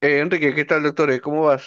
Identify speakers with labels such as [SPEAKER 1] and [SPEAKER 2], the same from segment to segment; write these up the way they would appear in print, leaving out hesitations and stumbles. [SPEAKER 1] Enrique, ¿qué tal, doctor? ¿Cómo vas?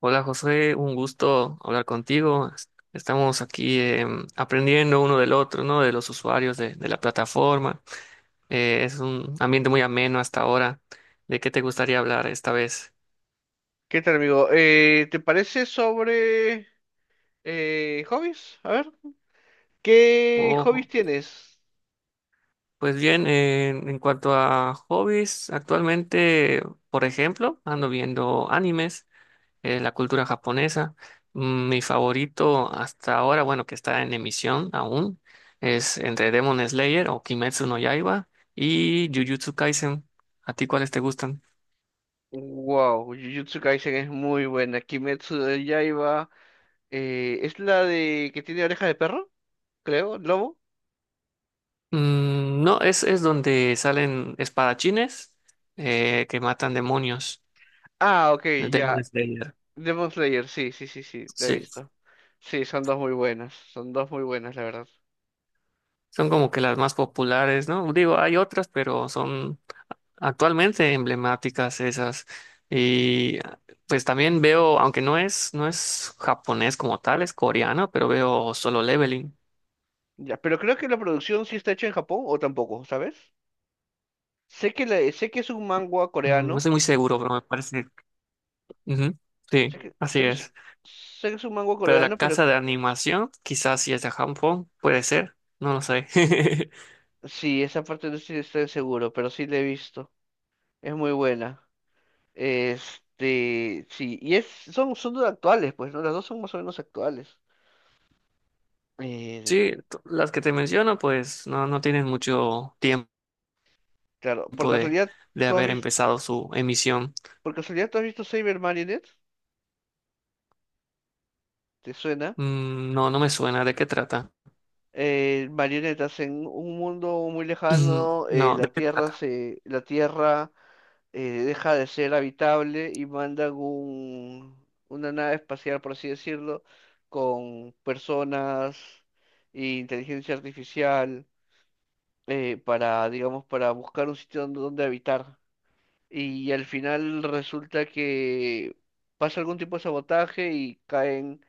[SPEAKER 2] Hola José, un gusto hablar contigo. Estamos aquí aprendiendo uno del otro, ¿no? De los usuarios de la plataforma. Es un ambiente muy ameno hasta ahora. ¿De qué te gustaría hablar esta vez?
[SPEAKER 1] ¿Qué tal, amigo? ¿Te parece sobre hobbies? A ver, ¿qué hobbies
[SPEAKER 2] Oh,
[SPEAKER 1] tienes?
[SPEAKER 2] pues bien, en cuanto a hobbies, actualmente, por ejemplo, ando viendo animes. La cultura japonesa. Mm. Mi favorito hasta ahora, bueno, que está en emisión aún, es entre Demon Slayer o Kimetsu no Yaiba y Jujutsu Kaisen. ¿A ti cuáles te gustan?
[SPEAKER 1] Wow, Jujutsu Kaisen es muy buena. Kimetsu de Yaiba, ¿es la de que tiene oreja de perro? Creo, lobo.
[SPEAKER 2] Mm, no, es donde salen espadachines que matan demonios.
[SPEAKER 1] Ah, ok,
[SPEAKER 2] El
[SPEAKER 1] ya.
[SPEAKER 2] Demon Slayer.
[SPEAKER 1] Demon Slayer, sí, sí, sí, sí, la he
[SPEAKER 2] Sí.
[SPEAKER 1] visto. Sí, son dos muy buenas, son dos muy buenas, la verdad.
[SPEAKER 2] Son como que las más populares, ¿no? Digo, hay otras, pero son actualmente emblemáticas esas. Y pues también veo, aunque no es japonés como tal, es coreano, pero veo Solo Leveling.
[SPEAKER 1] Ya, pero creo que la producción sí está hecha en Japón o tampoco, ¿sabes? Sé que es un manga
[SPEAKER 2] Mm, no
[SPEAKER 1] coreano.
[SPEAKER 2] estoy muy seguro, pero me parece. Ujú.
[SPEAKER 1] Sé Sí,
[SPEAKER 2] Sí,
[SPEAKER 1] que,
[SPEAKER 2] así
[SPEAKER 1] sé que es, sí.
[SPEAKER 2] es.
[SPEAKER 1] Sé que es un mango
[SPEAKER 2] Pero la
[SPEAKER 1] coreano, pero
[SPEAKER 2] casa de animación, quizás si es de Japón, puede ser, no lo sé.
[SPEAKER 1] sí, esa parte no estoy, estoy seguro, pero sí la he visto. Es muy buena. Este, sí, y es, son, son dos actuales, pues, ¿no? Las dos son más o menos actuales. Eh,
[SPEAKER 2] Sí, las que te menciono, pues no, no tienen mucho tiempo
[SPEAKER 1] claro, por
[SPEAKER 2] de,
[SPEAKER 1] casualidad,
[SPEAKER 2] de
[SPEAKER 1] ¿tú has
[SPEAKER 2] haber
[SPEAKER 1] visto,
[SPEAKER 2] empezado su emisión.
[SPEAKER 1] por casualidad, ¿tú has visto Saber Marionette? ¿Te suena?
[SPEAKER 2] Mm, no, no me suena. ¿De qué trata?
[SPEAKER 1] Marionetas en un mundo muy lejano,
[SPEAKER 2] No, ¿de qué trata?
[SPEAKER 1] La Tierra deja de ser habitable y mandan un, una nave espacial, por así decirlo, con personas e inteligencia artificial para, digamos, para buscar un sitio donde, donde habitar. Y al final resulta que pasa algún tipo de sabotaje y caen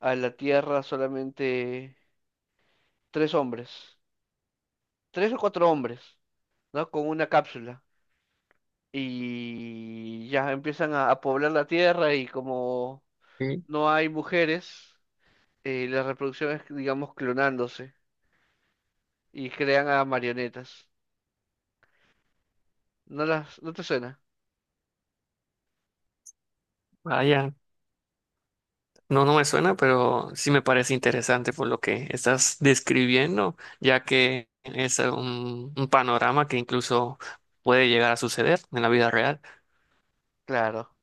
[SPEAKER 1] a la Tierra solamente tres hombres, tres o cuatro hombres, ¿no? Con una cápsula. Y ya empiezan a poblar la tierra y como no hay mujeres, la reproducción es, digamos, clonándose y crean a marionetas. ¿No las, no te suena?
[SPEAKER 2] Vaya, no, no me suena, pero sí me parece interesante por lo que estás describiendo, ya que es un panorama que incluso puede llegar a suceder en la vida real.
[SPEAKER 1] Claro.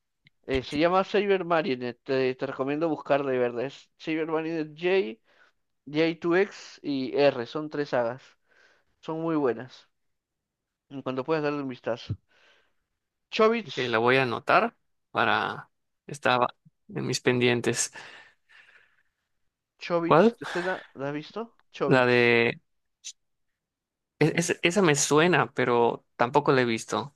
[SPEAKER 1] Se llama Saber Marionette, te recomiendo buscarla y verla. Es Saber Marionette J, J2X y R, son tres sagas. Son muy buenas. En cuanto puedas darle un vistazo.
[SPEAKER 2] Que
[SPEAKER 1] Chobits,
[SPEAKER 2] la voy a anotar para estar en mis pendientes.
[SPEAKER 1] Chobits,
[SPEAKER 2] ¿Cuál?
[SPEAKER 1] ¿te suena? ¿La has visto?
[SPEAKER 2] La
[SPEAKER 1] Chobits.
[SPEAKER 2] de esa me suena, pero tampoco la he visto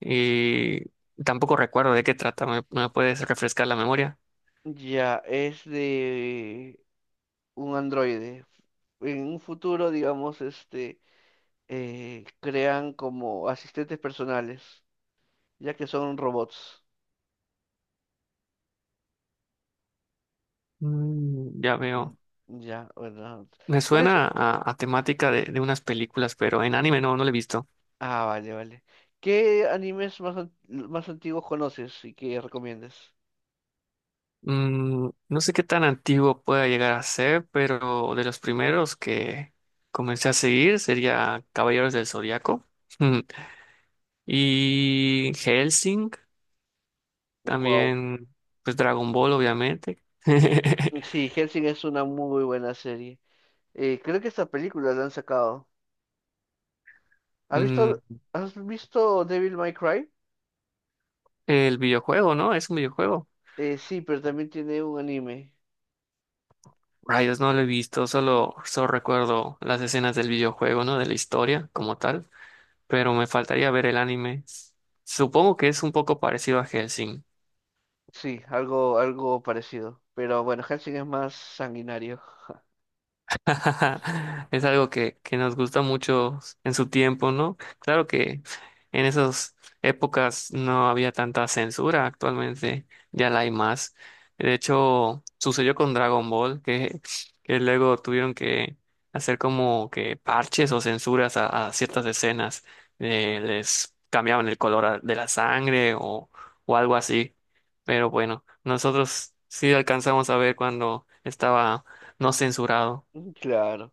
[SPEAKER 2] y tampoco recuerdo de qué trata. Me puedes refrescar la memoria?
[SPEAKER 1] Ya, es de un androide. En un futuro, digamos, este, crean como asistentes personales, ya que son robots.
[SPEAKER 2] Mm, ya
[SPEAKER 1] Ujú.
[SPEAKER 2] veo.
[SPEAKER 1] Ya, bueno.
[SPEAKER 2] Me
[SPEAKER 1] ¿Cuál es?
[SPEAKER 2] suena a temática de unas películas, pero en anime no, no lo he visto.
[SPEAKER 1] Ah, vale, vale. ¿Qué animes más, an- ¿Más antiguos conoces y que recomiendas?
[SPEAKER 2] Mm, no sé qué tan antiguo pueda llegar a ser, pero de los primeros que comencé a seguir sería Caballeros del Zodiaco. Mm, y Hellsing,
[SPEAKER 1] Wow.
[SPEAKER 2] también pues Dragon Ball, obviamente.
[SPEAKER 1] Sí, Helsing es una muy buena serie. Creo que esta película la han sacado. ¿Has visto,
[SPEAKER 2] Mm,
[SPEAKER 1] ¿Has visto Devil May Cry?
[SPEAKER 2] el videojuego, ¿no? Es un videojuego.
[SPEAKER 1] Sí, pero también tiene un anime.
[SPEAKER 2] Rayos, no lo he visto, solo, solo recuerdo las escenas del videojuego, ¿no? De la historia como tal, pero me faltaría ver el anime. Supongo que es un poco parecido a Hellsing.
[SPEAKER 1] Sí, algo, algo parecido. Pero bueno, Helsing es más sanguinario.
[SPEAKER 2] Es algo que nos gusta mucho en su tiempo, ¿no? Claro que en esas épocas no había tanta censura, actualmente ya la hay más. De hecho, sucedió con Dragon Ball, que luego tuvieron que hacer como que parches o censuras a ciertas escenas. Les cambiaban el color de la sangre o algo así. Pero bueno, nosotros sí alcanzamos a ver cuando estaba no censurado.
[SPEAKER 1] Claro.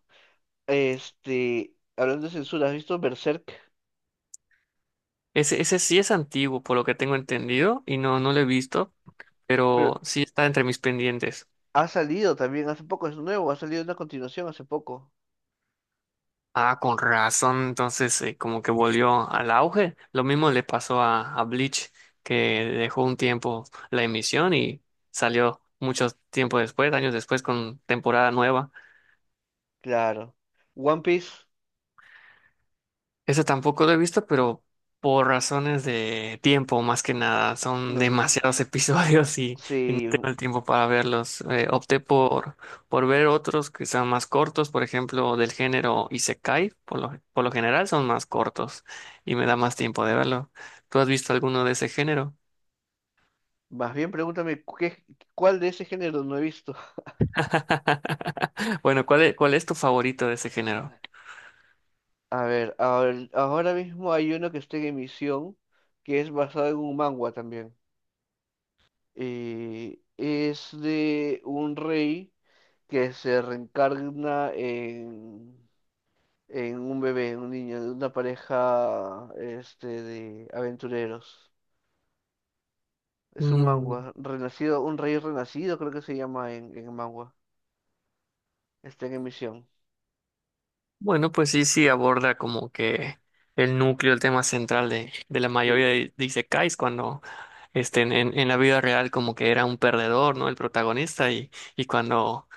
[SPEAKER 1] Este, hablando de censura, ¿has visto Berserk?
[SPEAKER 2] Ese sí es antiguo, por lo que tengo entendido, y no, no lo he visto,
[SPEAKER 1] Pero
[SPEAKER 2] pero sí está entre mis pendientes.
[SPEAKER 1] ha salido también hace poco, es nuevo, ha salido una continuación hace poco.
[SPEAKER 2] Ah, con razón, entonces como que volvió al auge. Lo mismo le pasó a Bleach, que dejó un tiempo la emisión y salió mucho tiempo después, años después, con temporada nueva.
[SPEAKER 1] Claro. One Piece,
[SPEAKER 2] Ese tampoco lo he visto, pero por razones de tiempo, más que nada, son
[SPEAKER 1] no.
[SPEAKER 2] demasiados episodios y no
[SPEAKER 1] Sí,
[SPEAKER 2] tengo el tiempo para verlos. Opté por ver otros que sean más cortos, por ejemplo, del género Isekai, por lo general son más cortos y me da más tiempo de verlo. ¿Tú has visto alguno de ese género?
[SPEAKER 1] más bien pregúntame qué, cuál de ese género no he visto.
[SPEAKER 2] Bueno, ¿cuál es tu favorito de ese género?
[SPEAKER 1] A ver, ahora mismo hay uno que está en emisión que es basado en un manga también. Es de un rey que se reencarna en un bebé, en un niño, de una pareja este, de aventureros. Es un mangua, renacido, un rey renacido creo que se llama en mangua. Está en emisión.
[SPEAKER 2] Bueno, pues sí, sí aborda como que el núcleo, el tema central de la mayoría
[SPEAKER 1] Sí,
[SPEAKER 2] de isekais cuando este, en la vida real como que era un perdedor, ¿no? El protagonista y cuando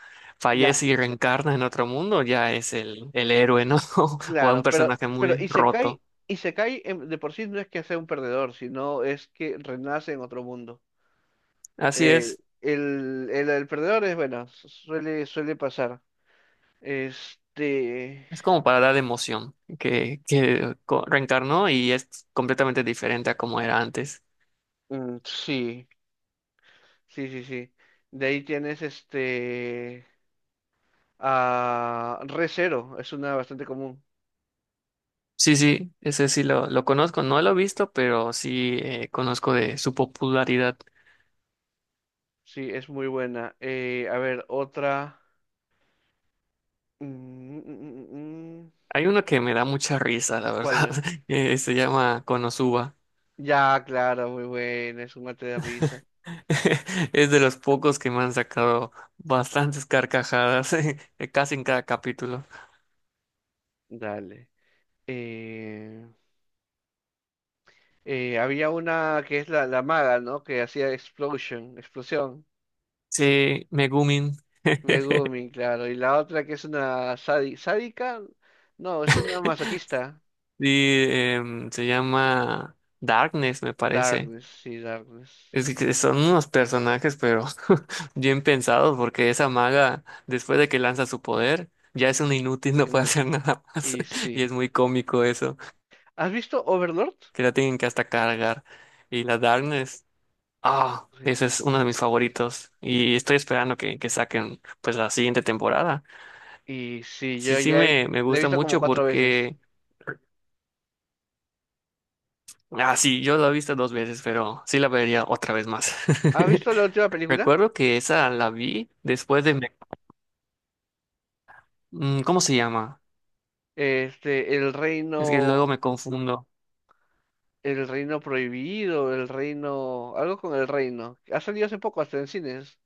[SPEAKER 1] ya,
[SPEAKER 2] fallece y reencarna en otro mundo ya es el héroe, ¿no? O
[SPEAKER 1] claro,
[SPEAKER 2] un personaje
[SPEAKER 1] pero
[SPEAKER 2] muy
[SPEAKER 1] Isekai,
[SPEAKER 2] roto.
[SPEAKER 1] Isekai de por sí no es que sea un perdedor, sino es que renace en otro mundo.
[SPEAKER 2] Así
[SPEAKER 1] Eh, el, el perdedor es, bueno, suele, suele pasar. Este,
[SPEAKER 2] es como para dar emoción, que, reencarnó y es completamente diferente a como era antes.
[SPEAKER 1] sí, sí, sí, sí. De ahí tienes este, a Recero, es una bastante común.
[SPEAKER 2] Sí, sí, ese sí lo conozco, no lo he visto, pero sí conozco de su popularidad.
[SPEAKER 1] Sí, es muy buena. A ver, otra. mm, mm, mm, mm, mm,
[SPEAKER 2] Hay uno que me da mucha risa, la verdad.
[SPEAKER 1] ¿Cuál?
[SPEAKER 2] Se llama Konosuba.
[SPEAKER 1] Ya, claro, muy buena, es un mate de risa.
[SPEAKER 2] Es de los pocos que me han sacado bastantes carcajadas, casi en cada capítulo.
[SPEAKER 1] Dale. Eh, Había una que es la, la maga, ¿no? Que hacía explosion, explosión.
[SPEAKER 2] Sí, Megumin.
[SPEAKER 1] Megumi, claro. Y la otra que es una sádica, no, es una masoquista.
[SPEAKER 2] Y se llama Darkness, me parece.
[SPEAKER 1] Darkness, sí, Darkness.
[SPEAKER 2] Es que son unos personajes, pero bien pensados, porque esa maga, después de que lanza su poder, ya es un inútil, no puede hacer
[SPEAKER 1] Inútil.
[SPEAKER 2] nada más.
[SPEAKER 1] Y
[SPEAKER 2] Y
[SPEAKER 1] sí.
[SPEAKER 2] es muy cómico eso,
[SPEAKER 1] ¿Has visto Overlord?
[SPEAKER 2] que la tienen que hasta cargar. Y la Darkness, ah,
[SPEAKER 1] Sí.
[SPEAKER 2] ese es uno de mis favoritos. Y estoy esperando que saquen pues la siguiente temporada.
[SPEAKER 1] Y sí,
[SPEAKER 2] Sí,
[SPEAKER 1] yo
[SPEAKER 2] sí
[SPEAKER 1] ya he-
[SPEAKER 2] me
[SPEAKER 1] la he
[SPEAKER 2] gusta
[SPEAKER 1] visto como
[SPEAKER 2] mucho
[SPEAKER 1] cuatro veces.
[SPEAKER 2] porque, ah, sí, yo la he visto dos veces, pero sí la vería otra vez más.
[SPEAKER 1] ¿Has visto la última película?
[SPEAKER 2] Recuerdo que esa la vi después de... ¿Cómo se llama?
[SPEAKER 1] Este, El
[SPEAKER 2] Es que
[SPEAKER 1] Reino,
[SPEAKER 2] luego me confundo.
[SPEAKER 1] El Reino Prohibido, El Reino, algo con el Reino. Ha salido hace poco, hasta en cines.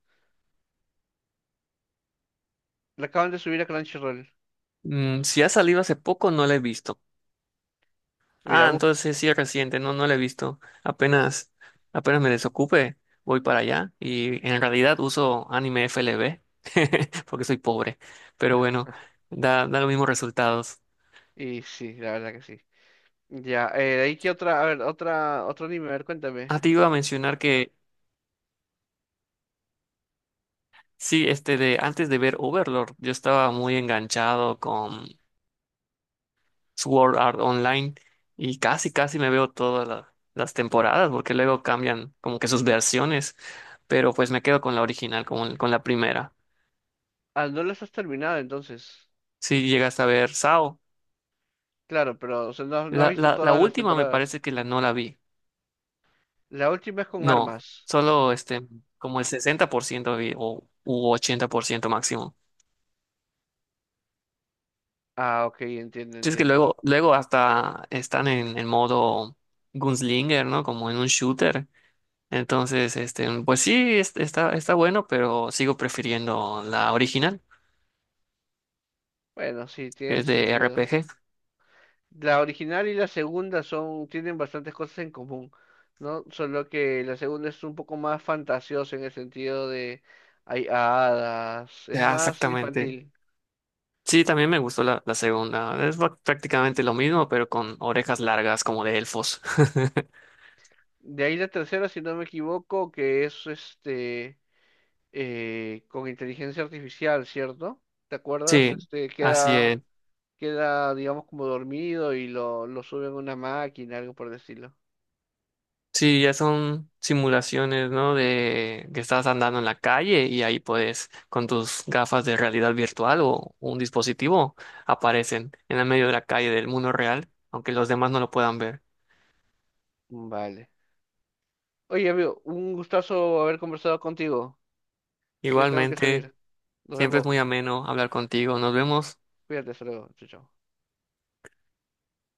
[SPEAKER 1] La acaban de subir a Crunchyroll.
[SPEAKER 2] Mm, si ha salido hace poco, no la he visto. Ah,
[SPEAKER 1] Mira, bu-
[SPEAKER 2] entonces sí es reciente, no, no la he visto. Apenas, apenas me desocupe, voy para allá. Y en realidad uso anime FLV, porque soy pobre. Pero bueno, da, da los mismos resultados.
[SPEAKER 1] Y sí, la verdad que sí. Ya, de ahí que otra, a ver, otra, otro anime, a ver, cuéntame.
[SPEAKER 2] Ah, te iba a mencionar que sí, este de antes de ver Overlord, yo estaba muy enganchado con Sword Art Online y casi, casi me veo todas las temporadas porque luego cambian como que sus versiones, pero pues me quedo con la original, con la primera.
[SPEAKER 1] Ah, no las has terminado entonces.
[SPEAKER 2] Si llegas a ver Sao,
[SPEAKER 1] Claro, pero o sea, no, no has visto
[SPEAKER 2] la
[SPEAKER 1] todas las
[SPEAKER 2] última me
[SPEAKER 1] temporadas.
[SPEAKER 2] parece que la no la vi.
[SPEAKER 1] La última es con
[SPEAKER 2] No,
[SPEAKER 1] armas.
[SPEAKER 2] solo este, como el 60% vi o u 80% máximo.
[SPEAKER 1] Ah, ok, entiendo,
[SPEAKER 2] Sí. Es que
[SPEAKER 1] entiendo.
[SPEAKER 2] luego, luego hasta están en modo gunslinger, ¿no? Como en un shooter. Entonces, este, pues sí, está, está bueno, pero sigo prefiriendo la original,
[SPEAKER 1] Bueno, sí,
[SPEAKER 2] que
[SPEAKER 1] tiene
[SPEAKER 2] es de
[SPEAKER 1] sentido.
[SPEAKER 2] RPG.
[SPEAKER 1] La original y la segunda son, tienen bastantes cosas en común, ¿no? Solo que la segunda es un poco más fantasiosa en el sentido de hay hadas, es
[SPEAKER 2] Ah,
[SPEAKER 1] más
[SPEAKER 2] exactamente.
[SPEAKER 1] infantil.
[SPEAKER 2] Sí, también me gustó la segunda. Es prácticamente lo mismo, pero con orejas largas como de elfos.
[SPEAKER 1] De ahí la tercera, si no me equivoco, que es este con inteligencia artificial, ¿cierto? ¿Te acuerdas?
[SPEAKER 2] Sí,
[SPEAKER 1] Este,
[SPEAKER 2] así
[SPEAKER 1] queda,
[SPEAKER 2] es.
[SPEAKER 1] queda, digamos, como dormido y lo suben a una máquina, algo por el estilo.
[SPEAKER 2] Sí, ya son simulaciones, ¿no? De que estás andando en la calle y ahí puedes, con tus gafas de realidad virtual o un dispositivo, aparecen en el medio de la calle del mundo real, aunque los demás no lo puedan ver.
[SPEAKER 1] Vale. Oye, amigo, un gustazo haber conversado contigo. Ya tengo que
[SPEAKER 2] Igualmente.
[SPEAKER 1] salir. Nos
[SPEAKER 2] Siempre es
[SPEAKER 1] vemos.
[SPEAKER 2] muy ameno hablar contigo. Nos vemos.
[SPEAKER 1] Cuídate, hasta luego. Chao, chao.